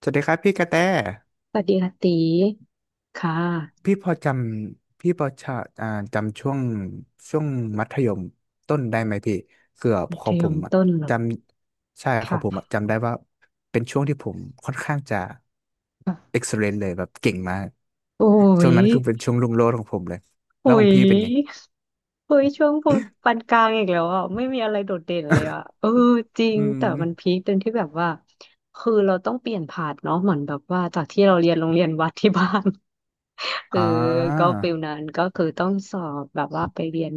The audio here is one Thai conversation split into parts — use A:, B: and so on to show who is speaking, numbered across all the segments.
A: สวัสดีครับพี่กระแต
B: สวัสดีค่ะตีค่ะ
A: พี่พอจพี่พอจะอ่าจำช่วงช่วงมัธยมต้นได้ไหมพี่เกือบ
B: มั
A: ขอ
B: ธ
A: ง
B: ย
A: ผม
B: ม
A: อะ
B: ต้นเหร
A: จ
B: อ
A: ำใช่ของผม
B: ค่ะ
A: อะจำได้ว่าเป็นช่วงที่ผมค่อนข้างจะ
B: ค่ะ
A: เอ็กซ์ e ลนเลยแบบเก่งมาก
B: โอ้
A: ช่ว
B: ย
A: งนั้นคือเป็นช่วงรุ่งโรจน์ของผมเลย
B: โอ้
A: แล้วของ
B: ย
A: พี่เป็นไง
B: โอ้ยช่วงปานกลางอีกแล้วอ่ะไม่มีอะไรโดดเด่นเลยอ่ะเออจริ
A: อื
B: งแต่
A: ม
B: มันพีคตรงที่แบบว่าคือเราต้องเปลี่ยนผ่านเนาะเหมือนแบบว่าจากที่เราเรียนโรงเรียนวัดที่บ้าน เอ
A: อ่
B: อก็
A: า
B: ฟิลนั้นก็คือต้องสอบแบบว่าไปเรียน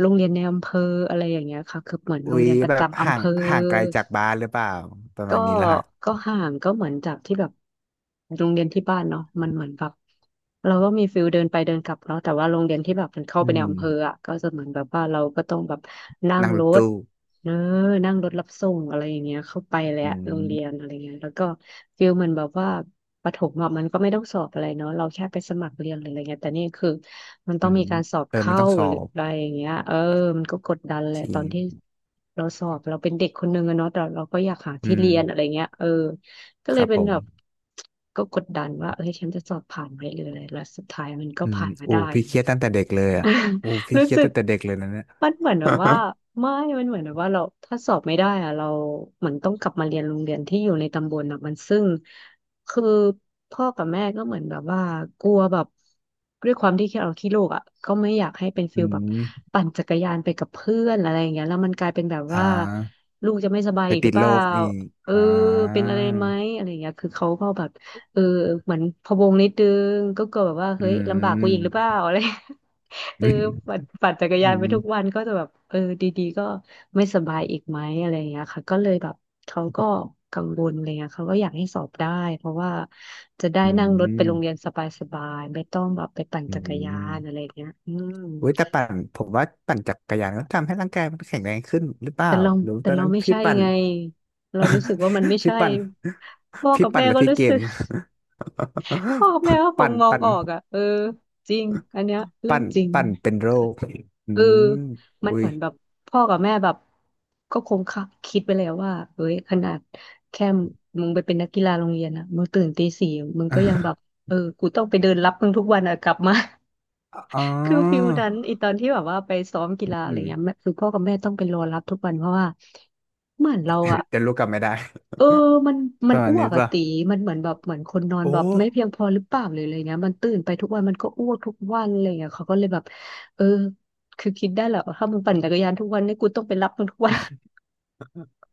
B: โรงเรียนในอำเภออะไรอย่างเงี้ยค่ะคือเหมือน
A: อุ๊
B: โรง
A: ย
B: เรียนประ
A: แบบ
B: จำอำ
A: ห่า
B: เภ
A: ง
B: อ
A: ห่างไกลจากบ้านหรือเปล่าประมา
B: ก็
A: ณนี้ละฮะ
B: ก็ห่างก็เหมือนจากที่แบบโรงเรียนที่บ้านเนาะมันเหมือนแบบเราก็มีฟิลเดินไปเดินกลับเนาะแต่ว่าโรงเรียนที่แบบมันเข้าไป
A: อื
B: ใน
A: ม
B: อำเภออ่ะก็จะเหมือนแบบว่าเราก็ต้องแบบนั่ง
A: นั่งร
B: ร
A: ถ
B: ถ
A: ตู้
B: เนออนั่งรถรับส่งอะไรอย่างเงี้ยเข้าไปแล้ว
A: อื
B: โรงเรียน
A: ม
B: อะไรเงี้ยแล้วก็ฟิลเหมันแบบว่าประถมอะมันก็ไม่ต้องสอบอะไรเนาะเราแค่ไปสมัครเรียนหรืออะไรเงี้ยแต่นี่คือ มัน
A: อื
B: ต้อง
A: ม
B: มีการสอบ
A: เออมัน
B: เข้า
A: ต้องสอ
B: หรือ
A: บ
B: อะไรอย่างเงี้ยเออมันก็กดดันแห
A: จ
B: ละ
A: ริ
B: ตอ
A: ง
B: นที่เราสอบเราเป็นเด็กคนหนึ่งอะเนาะแต่เราก็อยากหา
A: อื
B: ที่เรี
A: ม
B: ยนอะไรเงี้ยเออก็
A: ค
B: เลย
A: รับ
B: เป็
A: ผ
B: น
A: ม
B: แบบก็กดดันว่าเอ้ยฉันจะสอบผ่านไหมหรืออะไรแล้วสุดท้ายมันก็
A: อืม
B: ผ่านมา
A: โอ้
B: ได้
A: พี่เครียดตั้งแต่เด็กเลย อ่ะ
B: อ่า
A: โอ้พี่
B: รู้
A: เครียด
B: สึก
A: ตั้งแต่เด็กเลยนะเนี่ย
B: มันเหมือนแบบว่า ไม่มันเหมือนแบบว่าเราถ้าสอบไม่ได้อะเราเหมือนต้องกลับมาเรียนโรงเรียนที่อยู่ในตำบลอะมันซึ่งคือพ่อกับแม่ก็เหมือนแบบว่ากลัวแบบด้วยความที่เราขี้ลูกอ่ะก็ไม่อยากให้เป็น
A: อื
B: ฟิลแบบ
A: ม
B: ปั่นจักรยานไปกับเพื่อนอะไรอย่างเงี้ยแล้วมันกลายเป็นแบบ
A: อ่า
B: ว่าลูกจะไม่สบาย
A: ไป
B: อีกห
A: ติ
B: รื
A: ด
B: อเป
A: โร
B: ล่า
A: คอีก
B: เออ
A: อ่
B: เป็
A: า
B: นอะไรไหมอะไรอย่างเงี้ยคือเขาก็แบบเออเหมือนพะวงนิดนึงก็กลัวแบบว่า
A: อื
B: เฮ้ยลำบากกูอีกหรือเป
A: ม
B: ล่าอะไร เออ
A: อืม
B: ปั่นจักร
A: อื
B: ยานไปทุก
A: ม
B: วันก็จะแบบเออดีๆก็ไม่สบายอีกไหมอะไรอย่างเงี้ยค่ะก็เลยแบบเขาก็กังวลอะไรเงี้ยเขาก็อยากให้สอบได้เพราะว่าจะได้
A: อื
B: นั่งรถไปโรงเรียน
A: ม
B: สบายๆไม่ต้องแบบไปปั่น
A: อื
B: จักรยา
A: ม
B: นอะไรอย่างเงี้ยอืม
A: อุ้ยแต่ปั่นผมว่าปั่นจักรยานก็ทำให้ร่างกายมันแข็งแรงขึ้นหรือเปล่า
B: แต่เรา
A: หรือ
B: แต่
A: ตอน
B: เรา
A: นั้น
B: ไม่
A: พี่
B: ใช่
A: ปั่น
B: ไงเรารู้สึกว่ามันไม่
A: พี่
B: ใช่
A: ปั่น
B: พ่อ
A: พี่
B: กับ
A: ปั่น
B: แม่
A: แล้ว
B: ก็
A: พี่
B: รู้
A: เก
B: สึ
A: ม
B: ก พ่อกับแม่ก็ ค
A: ปั่
B: ง
A: น
B: มอง
A: ปั่น
B: ออกอ่ะเออจริงอันเนี้ยเรื่อ
A: ปั่
B: ง
A: น
B: จริง
A: ปั้นเป็นโรคอื
B: เออ
A: ม
B: มัน
A: อุ้
B: เห
A: ย
B: มือนแบบพ่อกับแม่แบบก็คงคะคิดไปแล้วว่าเอ้ยขนาดแค่มึงไปเป็นนักกีฬาโรงเรียนอะมึงตื่นตีสี่มึงก็ยังแบบเออกูต้องไปเดินรับมึงทุกวันอะกลับมา
A: อ๋อ
B: คือฟิลนั้นอีตอนที่แบบว่าไปซ้อมกีฬาอะ
A: อื
B: ไรเงี้ย
A: ม
B: แม่คือพ่อกับแม่ต้องไปรอรับทุกวันเพราะว่าเหมือนเราอะ
A: เดี๋ยวรู้กลับไม่ได้
B: เออมัน
A: ป
B: มัน
A: ระมาณ
B: อ้ว
A: นี้
B: กอะ
A: ป่ะ
B: ตี มันเหมือนแบบเหมือนคนนอน
A: โอ้
B: แบบไม่เพียงพอหรือเปล่าเลยออะไรเงี้ยมันตื่นไปทุกวัน มันก็อ้วกทุกวันอะไรเงี้ยเขาก็เลยแบบเออคือคิดได้แหละว่าถ้ามึงปั่นจักรยานทุกวันนี่กูต้องไปรับมึงทุกวัน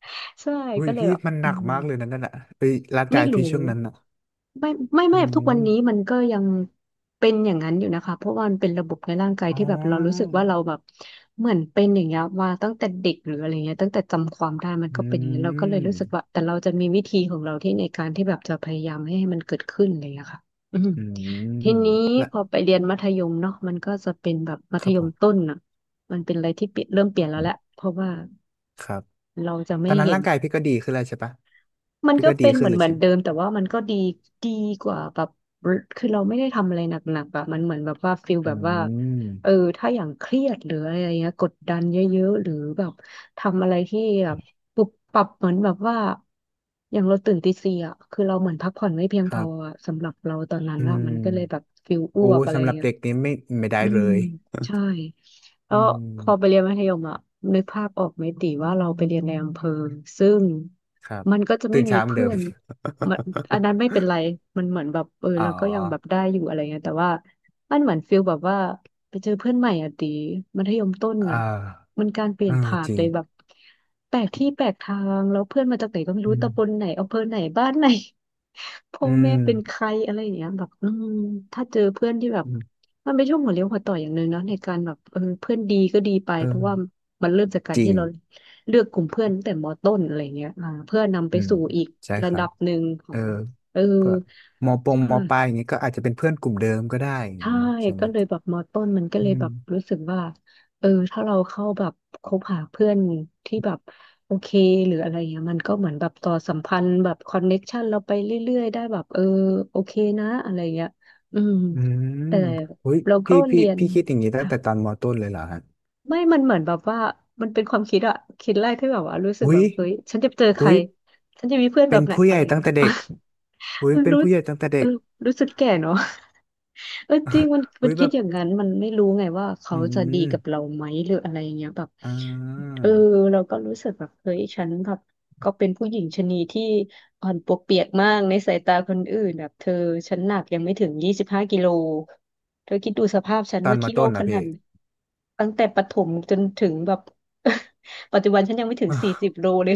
B: ใช่
A: อุ้ย
B: ก็เลย
A: พี่
B: แบบ
A: มันห
B: อื
A: นัก
B: ม
A: มากเลยนะนั่นน่ะเฮ้ยร่างกา
B: ไม่
A: ย
B: รู้
A: พี่ช่วงนั้นน่ะ
B: ไม่ไม่
A: อื
B: ไม่ทุกวันนี้
A: ม
B: มันก็ยังเป็นอย่างนั้นอยู่นะคะเพราะว่ามันเป็นระบบในร่างกาย
A: อ๋
B: ที่แบบเรารู้สึ
A: อ
B: กว่าเราแบบเหมือนเป็นอย่างเงี้ยมาตั้งแต่เด็กหรืออะไรเงี้ยตั้งแต่จำความได้มัน
A: อื
B: ก็เป็นอย่างเงี้ยเราก็เลยรู้สึกว่า
A: ม
B: แต่เราจะมีวิธีของเราที่ในการที่แบบจะพยายามไม่ให้มันเกิดขึ้นอะไรเงี้ยค่ะอืม
A: อืม
B: ทีนี้
A: ละ
B: พอไปเรียนมัธยมเนาะมันก็จะเป็นแบบมั
A: ค
B: ธ
A: รับ
B: ย
A: ผ
B: ม
A: ม
B: ต้นอ่ะมันเป็นอะไรที่เปลี่ยนเริ่มเปลี่ยนแล้วแหละเพราะว่า
A: ครับ
B: เราจะ
A: ตอ
B: ไม่
A: นนั้น
B: เห็น
A: ร่างกายพี่ก็ดีขึ้นแล้วใช่ปะ
B: มัน
A: พี่
B: ก็
A: ก็ดี
B: เป็นเห
A: ขึ้น
B: มือ
A: เล
B: น
A: ย
B: เหมือ
A: ใช่
B: น
A: ไหม
B: เดิมแต่ว่ามันก็ดีกว่าแบบคือเราไม่ได้ทำอะไรหนักๆอะมันเหมือนแบบว่าฟิล
A: อื
B: แบบว่าเออ
A: ม
B: ถ้าอย่างเครียดหรืออะไรเงี้ยกดดันเยอะๆหรือแบบทำอะไรที่แบบปุบปับเหมือนแบบว่าอย่างเราตื่นตีสี่อ่ะคือเราเหมือนพักผ่อนไม่เพียง
A: ค
B: พ
A: รั
B: อ
A: บ
B: อะสำหรับเราตอนนั้น
A: อื
B: อะมัน
A: ม
B: ก็เลยแบบฟิลอ้
A: โอ้
B: วกอะไร
A: สำหรับ
B: เงี้ย
A: เด็กนี้ไม่ได้
B: อื
A: เล
B: ม
A: ย
B: ใช่แล้
A: อื
B: วพอไป
A: ม
B: เรียนมัธยมอะนึกภาพออกไหมติว่าเราไปเรียนในอำเภอซึ่ง
A: ครับ
B: มันก็จะไม่
A: ตื่น
B: มี
A: เช้าเหมือนเดิ
B: เพื่อ
A: ม
B: นมันอันนั้นไม่เป็นไรมันเหมือนแบบเออ
A: อ๋อ
B: เราก็ยังแบบได้อยู่อะไรเงี้ยแต่ว่ามันเหมือนฟิลแบบว่าไปเจอเพื่อนใหม่อะติมัธยมต้น
A: เออ
B: อะมันการเปลี่
A: เอ
B: ย
A: อ
B: นผ่า
A: จ
B: น
A: ริ
B: เล
A: ง
B: ยแบบแปลกที่แปลกทางแล้วเพื่อนมาจากไหนก็ไม่
A: อื
B: รู้ตำบล
A: ม
B: ไหนอำเภอไหนบ้านไหน พ่อ
A: อื
B: แม่เป็นใค
A: ม
B: รอะไรอย่างเงี้ยแบบอืมถ้าเจอเพื่อนที่แบบ
A: อืม
B: มันเป็นช่วงหัวเลี้ยวหัวต่ออย่างหนึ่งเนาะในการแบบเออเพื่อนดีก็ดีไปเพราะว่า
A: เออ
B: มันเริ่มจากการ
A: จริ
B: ที่
A: ง
B: เราเลือกกลุ่มเพื่อนตั้งแต่มต้นอะไรเงี้ยอ่าเพื่อนำไป
A: อืม
B: สู่อีก
A: ใช่ค
B: ระ
A: รั
B: ดั
A: บ
B: บหนึ่งขอ
A: เออ
B: งเออ
A: เพื่อมอป
B: ใช
A: งมอปลายอ
B: ่
A: ย่างนี้ก็อาจจะเป็นเพื่อนกลุ่มเดิมก็ได้อย่าง
B: ใช่
A: งี้เนาะใช่ไหม
B: ก็เลยแบบมต้นมันก็
A: อื
B: เลยแบ
A: ม
B: บรู้สึกว่าเออถ้าเราเข้าแบบคบหาเพื่อนที่แบบโอเคหรืออะไรเงี้ยมันก็เหมือนแบบต่อสัมพันธ์แบบคอนเน็กชันเราไปเรื่อยๆได้แบบเออโอเคนะอะไรเงี้ยอืม
A: อืม
B: แต่
A: อุ้ย
B: เราก็
A: พี่พี่
B: เรียน
A: พี่คิดอย่างนี้ตั้ง
B: ค่ะ
A: แต่ตอนมอต้นเลยเหรอฮะ
B: ไม่มันเหมือนแบบว่า มันเป็นความคิดอะคิดแรกที่แบบว่ารู้สึก
A: อุ้
B: แบ
A: ย
B: บเฮ้ย ฉันจะเจอใคร
A: อุ้ย
B: ฉันจะมีเพื่อนแบ
A: เป็น
B: บไหน
A: ผู้ให
B: อะ
A: ญ่
B: ไรอย่าง
A: ตั้ง
B: เงี้ย
A: แต่เด็กอุ้ย เป็น
B: รู้
A: ผู้ใหญ่ตั้งแต่เด็
B: เออ
A: ก
B: รู้สึกแก่เนาะ เออจริงมันมั
A: อุ้
B: น
A: ยแบ
B: คิด
A: บ
B: อย่างนั้นมันไม่รู้ไงว่าเขา
A: อื
B: จะดีกับเรา
A: ม
B: ไหมหรืออะไรอย่างเงี้ยแบบ
A: อ่
B: เออ
A: า
B: เราก็รู้สึกแบบเฮ้ยฉันแบบก็เป็นผู้หญิงชะนีที่อ่อนปวกเปียกมากในสายตาคนอื่นแบบเธอฉันหนักยังไม่ถึง25 กิโลเธอคิดดูสภาพฉัน
A: ตอน
B: ว่า
A: มอ
B: กิโล
A: ต้น
B: ข
A: นะ
B: นา
A: พี่
B: ดตั้งแต่ประถมจนถึงแบบ ปัจจุบันฉันยังไม่ถึง40 โลเลย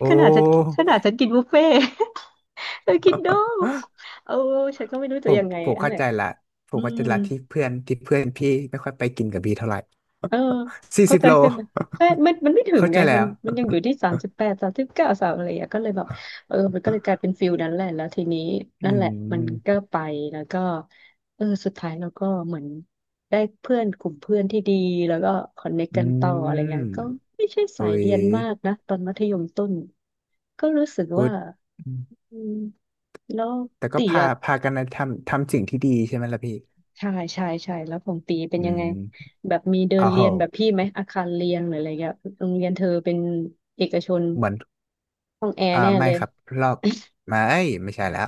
A: โอ
B: ขนาดฉัน
A: ้
B: กินบุฟเฟ่ต์ เธอคิดดูเออฉันก็ไม่รู้
A: ผ
B: จะ
A: ม
B: ยังไง
A: ผม
B: อัน
A: เข้า
B: แหละ
A: ใจละผ
B: อื
A: มเข้าใจ
B: ม
A: ละที่เพื่อนที่เพื่อนพี่ไม่ค่อยไปกินกับพี่เท่าไหร่
B: เออ
A: สี่
B: เข้า
A: สิบ
B: ใจ
A: โล
B: ใช่ไหมใช่มันไม่ถึง
A: เข้า
B: ไง
A: ใจ
B: มั
A: แล้
B: น
A: ว
B: มันยังอยู่ที่3839สามอะไรอย่างเงี้ยก็เลยแบบเออมันก็เลยกลายเป็นฟิลนั้นแหละแล้วทีนี้
A: อื
B: นั่นแหละมันก็
A: ม
B: ไปแล้วก็เออสุดท้ายเราก็เหมือนได้เพื่อนกลุ่มเพื่อนที่ดีแล้วก็คอนเนค
A: อื
B: กันต่ออะไร
A: ม
B: เงี้ยก็ไม่ใช่สา
A: เฮ้
B: ย
A: ย
B: เรียนมากนะตอนมัธยมต้นก็รู้สึก
A: พุ
B: ว่า
A: ดอืม
B: อืมแล้ว
A: แต่ก็
B: ตี
A: พา
B: อะ
A: พากันนะทำสิ่งที่ดีใช่ไหมล่ะพี่
B: ใช่ใช่ใช่แล้วของตีเป็น
A: อื
B: ยังไง
A: ม
B: แบบมีเดิ
A: อ้า
B: น
A: วเห
B: เรียน
A: อะ
B: แบบพี่ไหมอาคารเรียนหรืออะไรเงี้ยโรงเรียนเธอเป็นเอกชน
A: เหมือน
B: ห้องแอ
A: อ่า
B: ร์แน่
A: ไม่
B: เลย
A: ครับรอบไม่ไม่ใช่แล้ว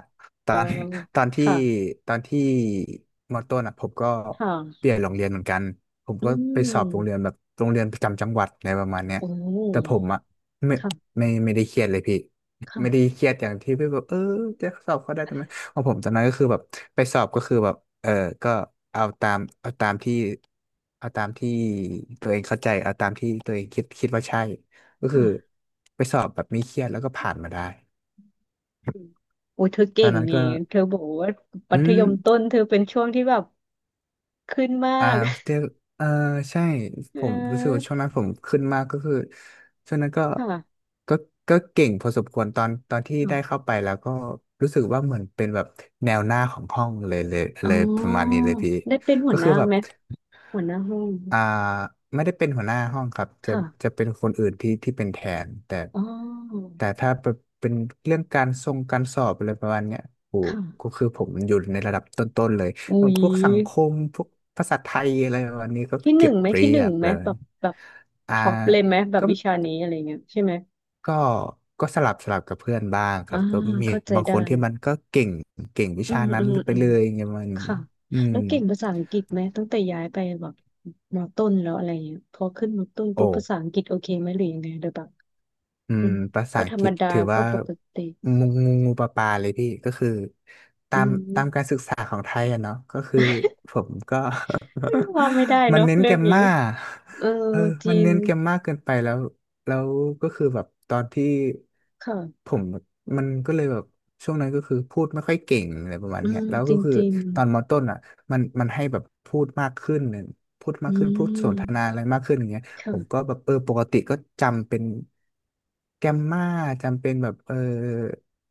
A: ต
B: เอ
A: อ
B: อ
A: น ตอนที่
B: ค่ะ
A: ตอนที่มอต้นอ่ะผมก็เป
B: ค่ะ
A: ลี่ยนโรงเรียนเหมือนกันผม
B: อื
A: ก็ไปสอบโรงเรีย
B: ม
A: นแบบโรงเรียนประจำจังหวัดอะไรประมาณเนี้ย
B: โอ้
A: แต่ผมอ่ะไม่
B: ค่ะ
A: ไม่ได้เครียดเลยพี่ไม่ได้
B: ค่ะ
A: เครียดอย่างที่พี่บอกเออจะสอบเขาได้ทำไมของผมตอนนั้นก็คือแบบไปสอบก็คือแบบเออก็เอาตามเอาตามที่เอาตามที่ตัวเองเข้าใจเอาตามที่ตัวเองคิดว่าใช่ ก็คือ
B: ค่ะ
A: ไปสอบแบบไม่เครียดแล้วก็ผ่านมาได้
B: อืมโอ้ยเธอ
A: ต
B: เก่
A: อน
B: ง
A: นั้น
B: นี่
A: ก็
B: เธอบอกว่ามั
A: อื
B: ธ
A: ม
B: ยมต้นเธอเป็นช่วงที่แบบ ขึ้นมา
A: อ่า
B: ก
A: เดี๋ยวเออใช่
B: เ
A: ผมรู้สึกว่า
B: ออ
A: ช่วงนั้นผมขึ้นมากก็คือช่วงนั้นก็
B: ค่ะ
A: ก็ก็เก่งพอสมควรตอนที่
B: ค่ะ
A: ได้เข้าไปแล้วก็รู้สึกว่าเหมือนเป็นแบบแนวหน้าของห้องเลยเลย
B: อ๋
A: เลยประมาณ
B: อ
A: นี้เลยพี่
B: ได้เป็นหั
A: ก็
B: วห
A: คือ
B: น้า
A: แบบ
B: ไหมหัวหน้าห้อง
A: อ่าไม่ได้เป็นหัวหน้าห้องครับจะ
B: ค่ะ
A: เป็นคนอื่นที่เป็นแทนแต่
B: อ๋อ
A: แต่ถ้าเป็นเรื่องการทรงการสอบอะไรประมาณเนี้ยโอ้
B: ค
A: ก็
B: ่ะ
A: คือผมอยู่ในระดับต้นๆเลย
B: อุ้
A: แล้ว
B: ย
A: พวกสังคมพวกภาษาไทยอะไรประมาณนี้ก็
B: ที่ห
A: เก็
B: นึ่
A: บ
B: งไหม
A: เรี
B: ที่ห
A: ย
B: นึ่ง
A: บ
B: ไห
A: เล
B: มแบ
A: ย
B: บแบบ
A: อ่า
B: ท็อปเลยไหมแบบ
A: ก็
B: วิชานี้อะไรเงี้ยใช่ไหม
A: ก็ก็สลับกับเพื่อนบ้างครั
B: อ่า
A: บก็มี
B: เข้าใจ
A: บางค
B: ได้
A: นที่มันก็เก่งวิ
B: อื
A: ชา
B: ม
A: นั้
B: อื
A: น
B: ม
A: ไป
B: อืม
A: เลยไงมัน
B: ค่ะ
A: อืม
B: แล้วเก่งภาษาอังกฤษไหมตั้งแต่ย้ายไปแบบมอต้นแล้วอะไรเงี้ยพอขึ้นมอต้นปุ๊
A: โอ้
B: บภาษาอังกฤษโอเคไหมหรือยังไงโดยแบบ
A: อื
B: อื
A: ม
B: ม
A: ภาษา
B: ก็
A: อั
B: ธ
A: ง
B: ร
A: ก
B: รม
A: ฤษ
B: ดา
A: ถือ
B: ก็
A: ว่า
B: ปกติ
A: งูงูงูปลาปลาเลยพี่ก็คือตา
B: อื
A: มตามการ
B: ม
A: ศึกษาของไทยอะเนาะก็คือผมก็
B: ว่าไม่ได้
A: มัน
B: เนาะ
A: เน้น
B: เรื่
A: แก
B: อ
A: ร
B: ง
A: ม
B: นี้
A: มา
B: เออ
A: เออ
B: จ
A: มั
B: ริ
A: น
B: ง
A: เน้นแกรมมาเกินไปแล้วแล้วก็คือแบบตอนที่ผ
B: ค่ะ
A: มมันก็เลยแบบช่วงนั้นก็คือพูดไม่ค่อยเก่งอะไรประมาณ
B: อื
A: เนี้ย
B: ม
A: แล้ว
B: จ
A: ก็
B: ริง
A: คือ
B: จริง
A: ตอนมต้นอ่ะมันให้แบบพูดมากขึ้น
B: อื
A: นา
B: ม
A: อะไรมากขึ้นอย่างเงี้ยผมก็
B: ค่ะ
A: แบบเออปกติก็จำเป็นแกมมาจำเป็นแบบเออ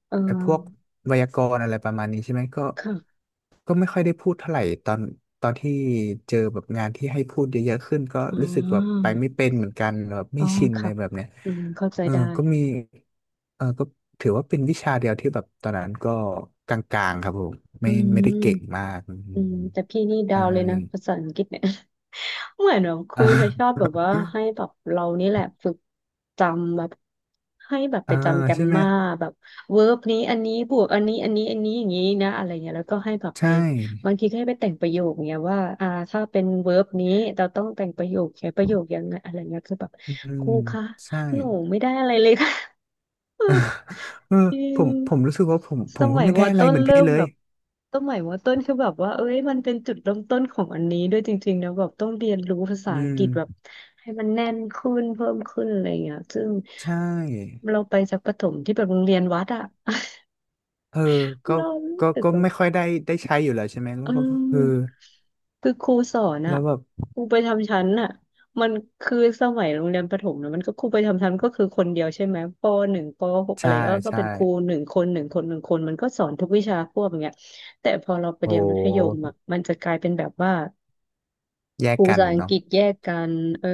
B: เออ
A: ไอ้พวกไวยากรณ์อะไรประมาณนี้ใช่ไหมก็
B: ค่ะ
A: ก็ไม่ค่อยได้พูดเท่าไหร่ตอนที่เจอแบบงานที่ให้พูดเยอะๆขึ้นก็
B: อ๋
A: รู้สึกแบบไป
B: อ
A: ไม่เป็นเหมือนกันแบบ
B: อ๋
A: ไม่
B: อ
A: ชินอะไร
B: ค่ะ
A: แบบเนี้ย
B: อืมเข้าใจ
A: เออ
B: ได้
A: ก็มีเออก็ถือว่าเป็นวิชาเดียวที่แบบตอนนั้นก็กลางๆครับผม
B: อื
A: ไม่ได้เก่ง
B: ม
A: มากอืม
B: อืมแต่พี่นี่ดา
A: ใช่
B: วเลยนะภาษาอังกฤษเนี่ย เหมือนแบบค รู
A: อ่า
B: จะชอบแบบว่าให้แบบเรานี่แหละฝึกจำแบบให้แบบไป
A: อ่า
B: จำแกร
A: ใช่
B: ม
A: ไหม
B: มาแบบเวิร์บนี้อันนี้บวกอันนี้อันนี้อันนี้อย่างนี้นะอะไรเงี้ยแล้วก็ให้แบบไป
A: ใช่
B: บางทีก็ให้ไปแต่งประโยคเงี้ยว่าอ่าถ้าเป็นเวิร์บนี้เราต้องแต่งประโยคใช้ประโยคยังไงอะไรเงี้ยคือแบบ
A: อื
B: ค
A: ม
B: รูคะ
A: ใช่
B: หนูไม่ได้อะไรเลยค่ะ เออ
A: เออ
B: จริ
A: ผ
B: ง
A: มผมรู้สึกว่าผมผ
B: ส
A: มก็
B: มัย
A: ไม่
B: ม
A: ได้
B: อ
A: อะไร
B: ต้น
A: เหมือน
B: เริ่
A: พี่
B: ม
A: เล
B: แบ
A: ย
B: บสมัยมอต้นคือแบบว่า เอ้ยมันเป็นจุดเริ่มต้นของอันนี้ด้วยจริงๆนะแบบต้องเรียนรู้ภาษา
A: อื
B: อังกฤษแบบ
A: ม
B: ให้มันแน่นขึ้นเพิ่มขึ้นอะไรอย่างเงี้ยซึ่ง
A: ใช่
B: เราไปจากประถมที่แบบโรงเรียนวัดอะ
A: เออก็
B: เรารู้
A: ก็
B: สึก
A: ก็
B: แบบ
A: ไม่ค่อยได้ใช้อยู่แล้วใช่ไหม แล้
B: เ
A: วก็เออ
B: ออคือครูสอน
A: แล้
B: อ่ะ
A: วแบบ
B: ครูประจำชั้นอ่ะมันคือสมัยโรงเรียนประถมนะมันก็ครูประจำชั้นก็คือคนเดียวใช่ไหมป.1ป.6อะไร
A: ใช่
B: เงี้ยก็
A: ใช่
B: เป็นครูหนึ่งคนหนึ่งคนหนึ่งคนมันก็สอนทุกวิชาควบอย่างเงี้ยแต่พอเราไป
A: โอ
B: เรียนมัธยม
A: ้
B: อ่ะมันจะกลายเป็นแบบว่า
A: แย
B: ค
A: ก
B: รู
A: กั
B: ภา
A: น
B: ษาอัง
A: เนาะ
B: กฤษแยกกันเออ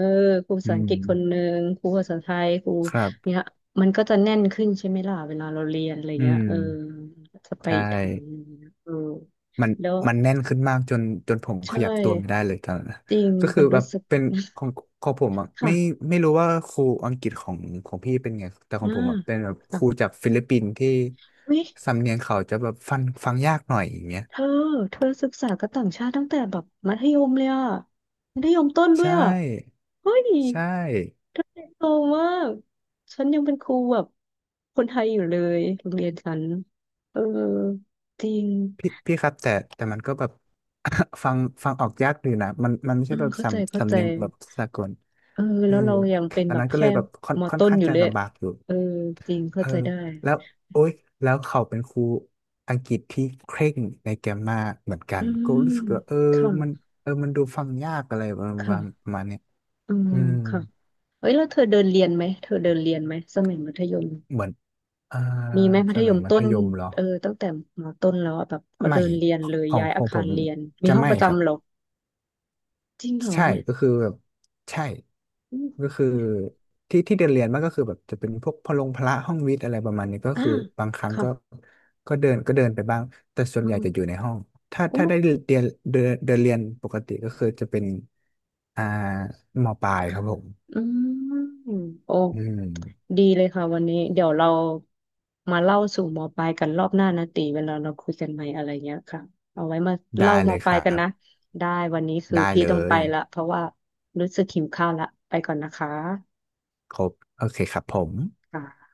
B: ครูภา
A: อื
B: ษาอังกฤษคนห
A: ม
B: นึ่งครูภาษาไทยครู
A: ครั
B: เนี่ย
A: บ
B: มันก็จะแน่นขึ้นใช่ไหมล่ะเวลาเราเรียนอะไร
A: อื
B: เงี้ย
A: ม
B: เออจะไป
A: ใช่
B: อีกทางหนึงเออ
A: มัน
B: แล้ว
A: มันแน่นขึ้นมากจนผมข
B: ใช่
A: ยับตัวไม่ได้เลยตอนนั้นนะ
B: จริง
A: ก็คื
B: มั
A: อ
B: น
A: แบบ
B: รู้สึกแบ
A: เป็น
B: บนี้น
A: ของของผมอ่ะ
B: ค่ะ
A: ไม่รู้ว่าครูอังกฤษของพี่เป็นไงแต่ขอ
B: อ่า
A: งผมอ่ะเป็นแบบค
B: ค่ะ
A: รูจากฟิลิปปินส์ที่
B: เฮ้ย
A: สำเนียงเขาจะแบบฟังยากหน่อยอย่างเงี้ย
B: เธอเธอศึกษากับต่างชาติตั้งแต่แบบมัธยมเลยอ่ะมัธยมต้นด้
A: ใช
B: วยอ่ะ
A: ่
B: เฮ้ย
A: ใช่
B: เธอเติบโตมากฉันยังเป็นครูแบบคนไทยอยู่เลยโรงเรียนฉันเออจริง
A: พี่ครับแต่แต่มันก็แบบ ฟังฟังออกยากอยู่นะมันไม่
B: อื
A: ใช่
B: ม
A: แบบ
B: เข้าใจเข้าใจ
A: เนียงแบบสากล
B: เออ
A: เออ
B: แล้วเรายังเป็น
A: ตอน
B: แบบ
A: นั้นก็เล
B: แค่
A: ยแบบค่อน
B: มอ
A: ค่อน
B: ต้น
A: ข้าง
B: อยู่
A: จะ
B: เลย
A: ลำบากอยู่
B: เออจริง
A: เอ
B: เข้า
A: อ
B: ใจได้
A: แล้วโอ๊ยแล้วเขาเป็นครูอังกฤษที่เคร่งในแกรมมาเหมือนกั
B: อื
A: นก็รู้
B: ม
A: สึกว่าเออมัน
B: ค่ะ
A: เออมันดูฟังยากอะไรประมาณ
B: ค่ะ
A: ประมาณเนี้ย
B: อืม
A: อืม
B: ค่ะ เฮ้ยแล้วเธอเดินเรียนไหมเธอเดินเรียนไหมสมัยมัธยม
A: เหมือนอ่า
B: มีไหมมั
A: ส
B: ธย
A: มัย
B: ม
A: มั
B: ต้
A: ธ
B: น
A: ยมเหรอ
B: เออตั้งแต่มอต้นแล้วอะแบบก็
A: ไม่
B: เดินเรียนเลย
A: ของ
B: ย้าย
A: ข
B: อา
A: องผ
B: คาร
A: ม
B: เรียนมี
A: จะ
B: ห้อง
A: ไม่
B: ประ
A: ครับ
B: จำเหรอจริงเหรอ
A: ใช่
B: เนี่ย
A: ก็คือแบบใช่
B: อืม
A: ก็คือที่เรียนมันก็คือแบบจะเป็นพวกพลงพละห้องวิทย์อะไรประมาณนี้ก็
B: อ่า
A: คือบางครั้ง
B: ค่ะ
A: ก็ก็เดินไปบ้างแต่ส่วน
B: อื
A: ใหญ่
B: ม
A: จะอยู่ในห้องถ้า
B: โอ้
A: ถ้าได้เรียนเดินเดินเรียนปกติก็คือจะเป็นอ่ามปลายครับผม
B: อืมโอ้
A: อืม
B: ดีเลยค่ะวันนี้เดี๋ยวเรามาเล่าสู่มอปลายกันรอบหน้านะตีเวลาเราคุยกันใหม่อะไรเงี้ยค่ะเอาไว้มาเล่า
A: ได้
B: ม
A: เล
B: อ
A: ย
B: ป
A: ค
B: ลาย
A: รั
B: กัน
A: บ
B: นะได้วันนี้คือ
A: ได้
B: พี่
A: เล
B: ต้องไป
A: ย
B: ละเพราะว่ารู้สึกหิวข้าวละไปก่อนนะคะ
A: ครบโอเคครับผม
B: ค่ะ